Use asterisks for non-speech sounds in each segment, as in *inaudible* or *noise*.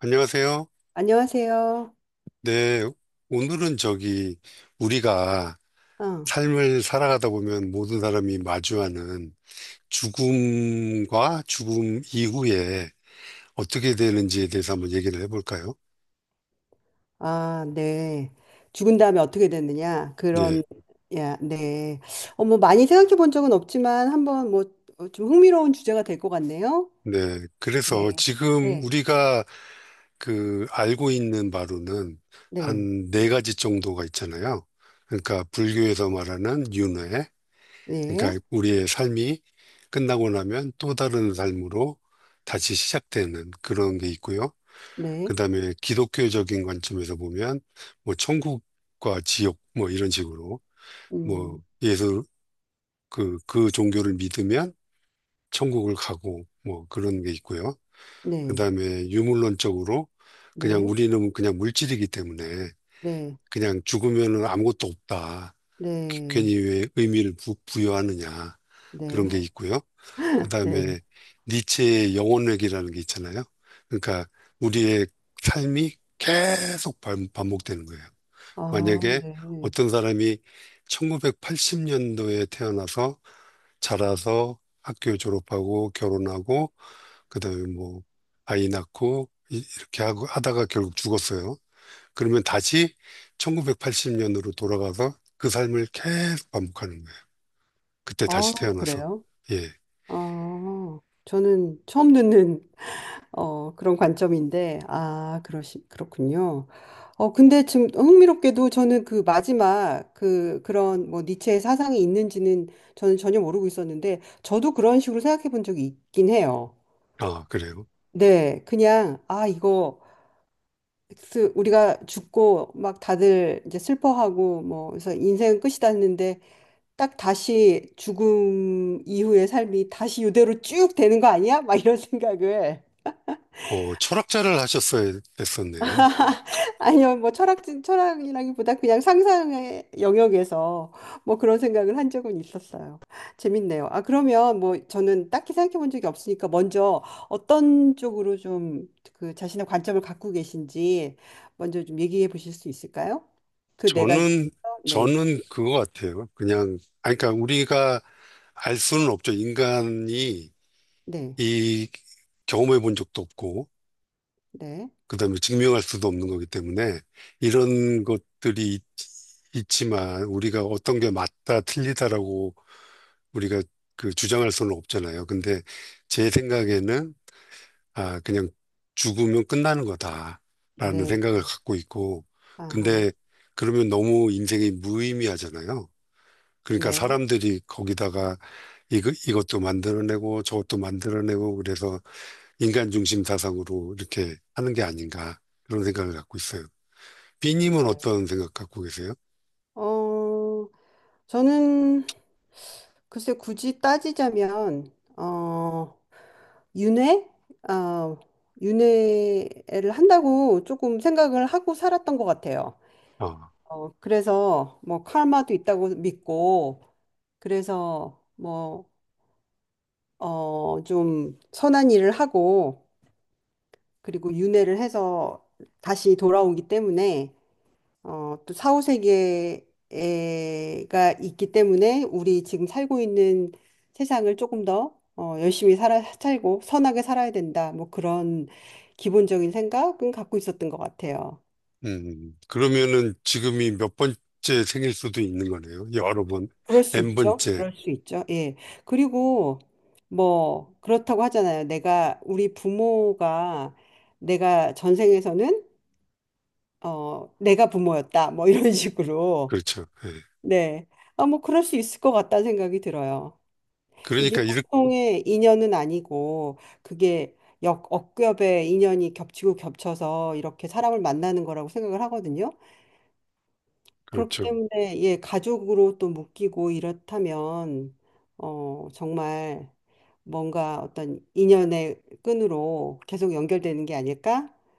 안녕하세요. 안녕하세요. 네, 오늘은 저기 우리가 어, 삶을 살아가다 보면 모든 사람이 마주하는 죽음과 죽음 이후에 어떻게 되는지에 대해서 한번 얘기를 해볼까요? 아, 네. 죽은 다음에 어떻게 됐느냐? 예, 그런, 야, 네. 어, 뭐, 많이 생각해 본 적은 없지만, 한번 뭐, 어, 좀 흥미로운 주제가 될 것 같네요. 네. 그래서 네. 지금 네. 우리가 그 알고 있는 바로는 네. 한 네 가지 정도가 있잖아요. 그러니까 불교에서 말하는 윤회, 네. 그러니까 우리의 삶이 끝나고 나면 또 다른 삶으로 다시 시작되는 그런 게 있고요. 네. 그다음에 기독교적인 관점에서 보면 뭐 천국과 지옥 뭐 이런 식으로 뭐 음, 예수 그 종교를 믿으면 천국을 가고 뭐 그런 게 있고요. 네. 그다음에 유물론적으로 그냥 네. 우리는 그냥 물질이기 때문에 네. 그냥 죽으면은 아무것도 없다. 네. 괜히 왜 의미를 부여하느냐 네. 그런 게 있고요. *laughs* 네. 그다음에 니체의 영혼회귀라는 게 있잖아요. 그러니까 우리의 삶이 계속 반복되는 거예요. 아, 만약에 네. 어떤 사람이 1980년도에 태어나서 자라서 학교 졸업하고 결혼하고 그다음에 뭐 아이 낳고 이렇게 하고 하다가 결국 죽었어요. 그러면 다시 1980년으로 돌아가서 그 삶을 계속 반복하는 거예요. 그때 아, 다시 태어나서. 그래요? 예. 아, 저는 처음 듣는 어, 그런 관점인데, 아, 그렇군요. 어, 근데 지금 흥미롭게도 저는 그 마지막 그런 뭐 니체의 사상이 있는지는 저는 전혀 모르고 있었는데, 저도 그런 식으로 생각해 본 적이 있긴 해요. 아, 그래요. 네, 그냥, 아, 이거, 우리가 죽고 막 다들 이제 슬퍼하고 뭐, 그래서 인생은 끝이다 했는데, 딱 다시 죽음 이후의 삶이 다시 이대로 쭉 되는 거 아니야? 막 이런 *laughs* 생각을. 철학자를 하셨어야 됐었네요. 아니요, 뭐 철학진 철학이라기보다 그냥 상상의 영역에서 뭐 그런 생각을 한 적은 있었어요. 재밌네요. 아, 그러면 뭐 저는 딱히 생각해 본 적이 없으니까 먼저 어떤 쪽으로 좀 그 자신의 관점을 갖고 계신지 먼저 좀 얘기해 보실 수 있을까요? 그 네 가지. 저는, 네, 저는 그거 같아요. 그냥, 아니, 그러니까 우리가 알 수는 없죠. 인간이 네, 이 경험해 본 적도 없고, 네, 그 다음에 증명할 수도 없는 거기 때문에 이런 것들이 있지만 우리가 어떤 게 맞다, 틀리다라고 우리가 그 주장할 수는 없잖아요. 근데 제 생각에는 아, 그냥 죽으면 끝나는 거다라는 네, 생각을 갖고 있고, 아하, 근데 그러면 너무 인생이 무의미하잖아요. 그러니까 네. 사람들이 거기다가 이거, 이것도 만들어내고 저것도 만들어내고 그래서 인간 중심 사상으로 이렇게 하는 게 아닌가 그런 생각을 갖고 있어요. 네. B님은 어떤 생각 갖고 계세요? 어, 저는 글쎄 굳이 따지자면, 어, 윤회? 어, 윤회를 한다고 조금 생각을 하고 살았던 것 같아요. 아, 어, 그래서 뭐 카르마도 있다고 믿고 그래서 뭐, 어, 좀 선한 일을 하고 그리고 윤회를 해서 다시 돌아오기 때문에 어, 또 사후세계가 있기 때문에 우리 지금 살고 있는 세상을 조금 더 어, 열심히 살고 선하게 살아야 된다. 뭐 그런 기본적인 생각은 갖고 있었던 것 같아요. 그러면은 지금이 몇 번째 생일 수도 있는 거네요. 여러 번, 그럴 수 있죠. N번째. 그럴 수 있죠. 예. 그리고 뭐 그렇다고 하잖아요. 내가 우리 부모가 내가 전생에서는 어, 내가 부모였다. 뭐 이런 *laughs* 식으로. 그렇죠. 예. 네. 아, 뭐 그럴 수 있을 것 같다는 생각이 들어요. 이게 그러니까 이렇게, 보통의 인연은 아니고 그게 역 억겹의 인연이 겹치고 겹쳐서 이렇게 사람을 만나는 거라고 생각을 하거든요. 그렇기 그렇죠. 때문에 예, 가족으로 또 묶이고 이렇다면 어 정말 뭔가 어떤 인연의 끈으로 계속 연결되는 게 아닐까라는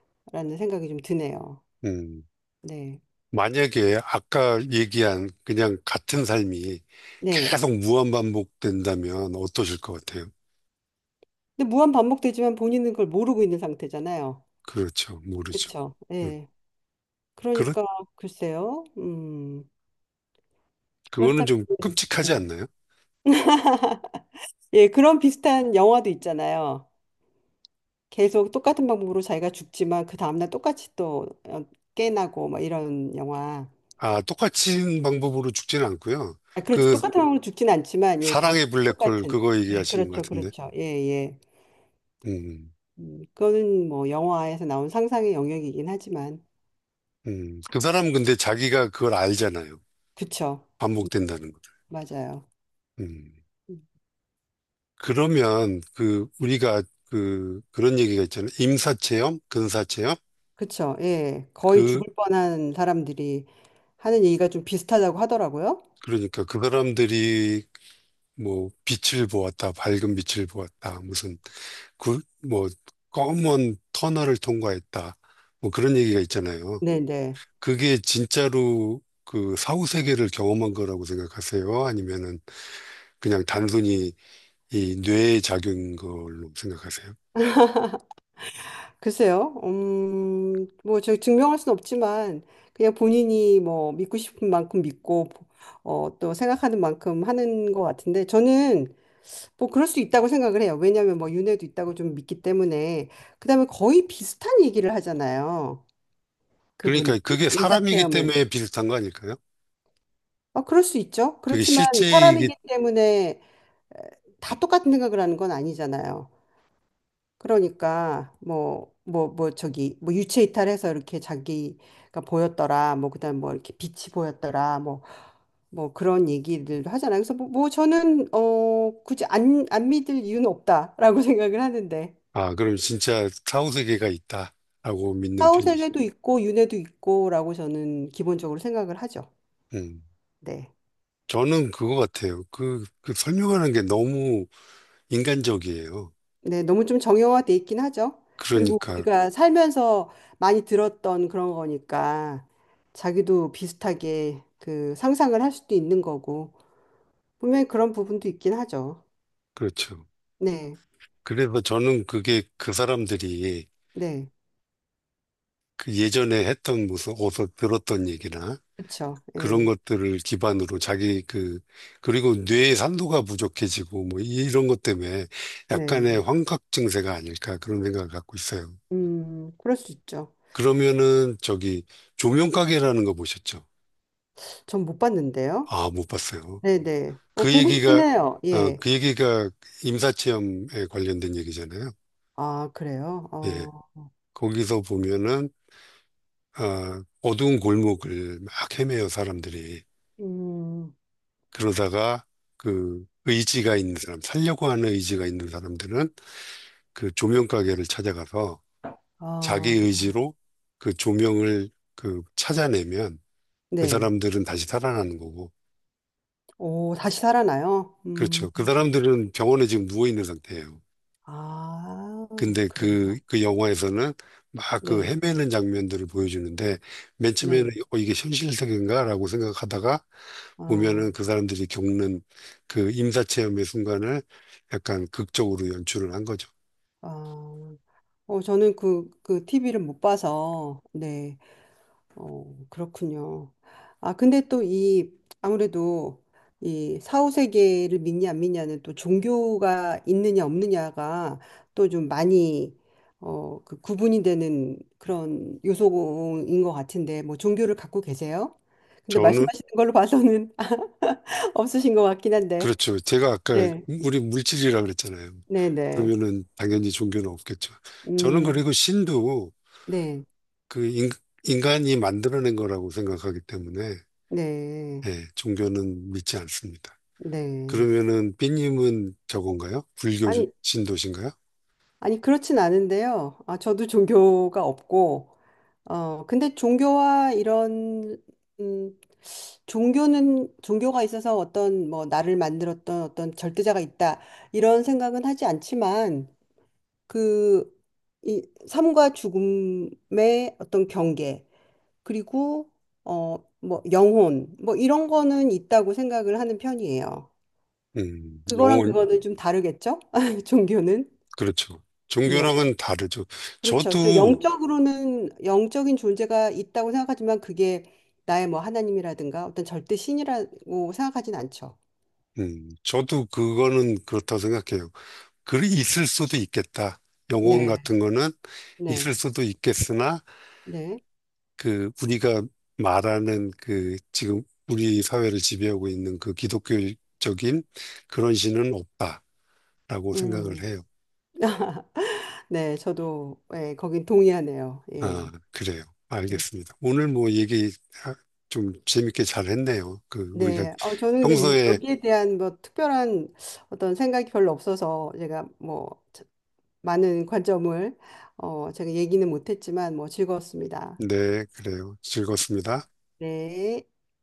생각이 좀 드네요. 음. 네. 만약에 아까 얘기한 그냥 같은 삶이 네. 계속 무한반복된다면 어떠실 것 같아요? 근데 무한 반복되지만 본인은 그걸 모르고 있는 상태잖아요. 그렇죠. 모르죠. 그렇죠. 음, 예. 그렇, 그러니까 글쎄요. 음. 그거는 그렇다면 좀 끔찍하지 네. 않나요? 예, 그런 비슷한 영화도 있잖아요. 계속 똑같은 방법으로 자기가 죽지만 그 다음날 똑같이 또 어, 깨나고 뭐 이런 영화. 아, 똑같은 방법으로 죽지는 않고요. 아, 그렇죠. 그 똑같은 방법으로 죽진 않지만 예, 다시 사랑의 블랙홀 똑같은. 그거 네, 얘기하시는 것 그렇죠, 같은데. 그렇죠. 예, 예. 음, 그거는 뭐 영화에서 나온 상상의 영역이긴 하지만 그 사람은 근데 자기가 그걸 알잖아요. 그쵸, 반복된다는 거. 맞아요. 음. 음, 그러면 그 우리가 그 그런 얘기가 있잖아요. 임사체험, 근사체험. 그쵸, 예. 거의 그 죽을 뻔한 사람들이 하는 얘기가 좀 비슷하다고 하더라고요. 그러니까 그 사람들이 뭐 빛을 보았다, 밝은 빛을 보았다, 무슨 그, 뭐 검은 터널을 통과했다, 뭐 그런 얘기가 있잖아요. 네, 네. 그게 진짜로 그 사후 세계를 경험한 거라고 생각하세요? 아니면은 그냥 단순히 이 뇌의 작용인 걸로 생각하세요? 글쎄요. 뭐, 저 증명할 수는 없지만, 그냥 본인이 뭐, 믿고 싶은 만큼 믿고, 어, 또 생각하는 만큼 하는 것 같은데, 저는 뭐, 그럴 수 있다고 생각을 해요. 왜냐하면 뭐, 윤회도 있다고 좀 믿기 때문에. 그다음에 거의 비슷한 얘기를 하잖아요. 그분, 그러니까 그게 인사 사람이기 체험을. 때문에 비슷한 거 아닐까요? 아, 그럴 수 있죠. 그게 그렇지만 실제이기, 사람이기 때문에 다 똑같은 생각을 하는 건 아니잖아요. 그러니까 뭐 저기 뭐 유체 이탈해서 이렇게 자기가 보였더라 뭐 그다음 뭐 이렇게 빛이 보였더라 뭐 그런 얘기들도 하잖아요. 그래서 뭐 저는 어 굳이 안 믿을 이유는 없다라고 *laughs* 생각을 하는데 아, 그럼 진짜 사후 세계가 있다라고 믿는 편이죠. 사후세계도 있고 윤회도 있고라고 저는 기본적으로 생각을 하죠. 음. 네. 저는 그거 같아요. 그 설명하는 게 너무 인간적이에요. 네, 너무 좀 정형화돼 있긴 하죠. 그리고 그러니까, 우리가 살면서 많이 들었던 그런 거니까 자기도 비슷하게 그 상상을 할 수도 있는 거고. 분명히 그런 부분도 있긴 하죠. 그렇죠. 네, 그래서 저는 그게 그 사람들이 네, 그 예전에 했던 무슨 어서 들었던 얘기나 그렇죠. 그런 네. 것들을 기반으로 자기 그, 그리고 뇌의 산도가 부족해지고 뭐 이런 것 때문에 약간의 네, 환각 증세가 아닐까 그런 생각을 갖고 있어요. 그럴 수 있죠. 그러면은 저기 조명가게라는 거 보셨죠? 전 못 봤는데요. 아, 못 봤어요. 네, 네. 어, 그 보고 싶긴 얘기가, 해요. 어, 예. 그 얘기가 임사체험에 관련된 얘기잖아요. 아, 그래요? 예. 어, 거기서 보면은, 어두운 골목을 막 헤매요, 사람들이. 음, 그러다가 그 의지가 있는 사람, 살려고 하는 의지가 있는 사람들은 그 조명 가게를 찾아가서 자기 아, 의지로 그 조명을 그 찾아내면 그 네. 사람들은 다시 살아나는 거고. 오, 다시 살아나요? 그렇죠. 그 사람들은 병원에 지금 누워 있는 상태예요. 아, 근데 그래요. 그 영화에서는 막 그 네, 헤매는 장면들을 보여주는데 맨 처음에는 네. 이게 현실 세계인가 라고 생각하다가 아, 보면은 그 사람들이 겪는 그 임사체험의 순간을 약간 극적으로 연출을 한 거죠. 아, 어, 저는 그 TV를 못 봐서, 네. 어, 그렇군요. 아, 근데 또 아무래도 이 사후세계를 믿냐 안 믿냐는 또 종교가 있느냐 없느냐가 또 좀 많이 어, 그 구분이 되는 그런 요소인 것 같은데, 뭐 종교를 갖고 계세요? 근데 저는, 말씀하시는 걸로 봐서는 *laughs* 없으신 것 같긴 한데. 그렇죠. 제가 아까 네, 우리 물질이라 그랬잖아요. 네, 네. 그러면은 당연히 종교는 없겠죠. 저는 음, 그리고 신도 네, 그 인, 간이 만들어낸 거라고 생각하기 때문에 네, 예, 종교는 믿지 않습니다. 네. 그러면은 삐님은 저건가요? 불교 주- 아니, 신도신가요? 아니, 그렇진 않은데요. 아, 저도 종교가 없고, 어, 근데 종교와 이런, 음, 종교가 있어서 어떤, 뭐, 나를 만들었던 어떤 절대자가 있다, 이런 생각은 하지 않지만, 그, 이 삶과 죽음의 어떤 경계, 그리고, 어, 뭐, 영혼, 뭐, 이런 거는 있다고 생각을 하는 편이에요. 그거랑 영혼, 그거는 좀 다르겠죠? *laughs* 종교는? 그렇죠. 네 종교랑은 다르죠. 그렇죠. 저도, 영적으로는 영적인 존재가 있다고 생각하지만 그게 나의 뭐 하나님이라든가 어떤 절대 신이라고 생각하진 않죠. 저도 그거는 그렇다고 생각해요. 글이 있을 수도 있겠다. 영혼 네, 같은 거는 네, 있을 수도 있겠으나, 네, 그, 우리가 말하는 그, 지금 우리 사회를 지배하고 있는 그 기독교적인 그런 신은 없다라고 생각을 음, 해요. *laughs* 네, 저도 예, 거긴 동의하네요. 아, 예, 그래요. 네, 알겠습니다. 오늘 뭐 얘기 아, 좀 재밌게 잘 했네요. 그, 우리가 네. 어, 저는 근데 평소에, 여기에 대한 뭐 특별한 어떤 생각이 별로 없어서 제가 뭐 많은 관점을 어, 제가 얘기는 못했지만 뭐 즐거웠습니다. 네, 그래요. 즐겁습니다. 네.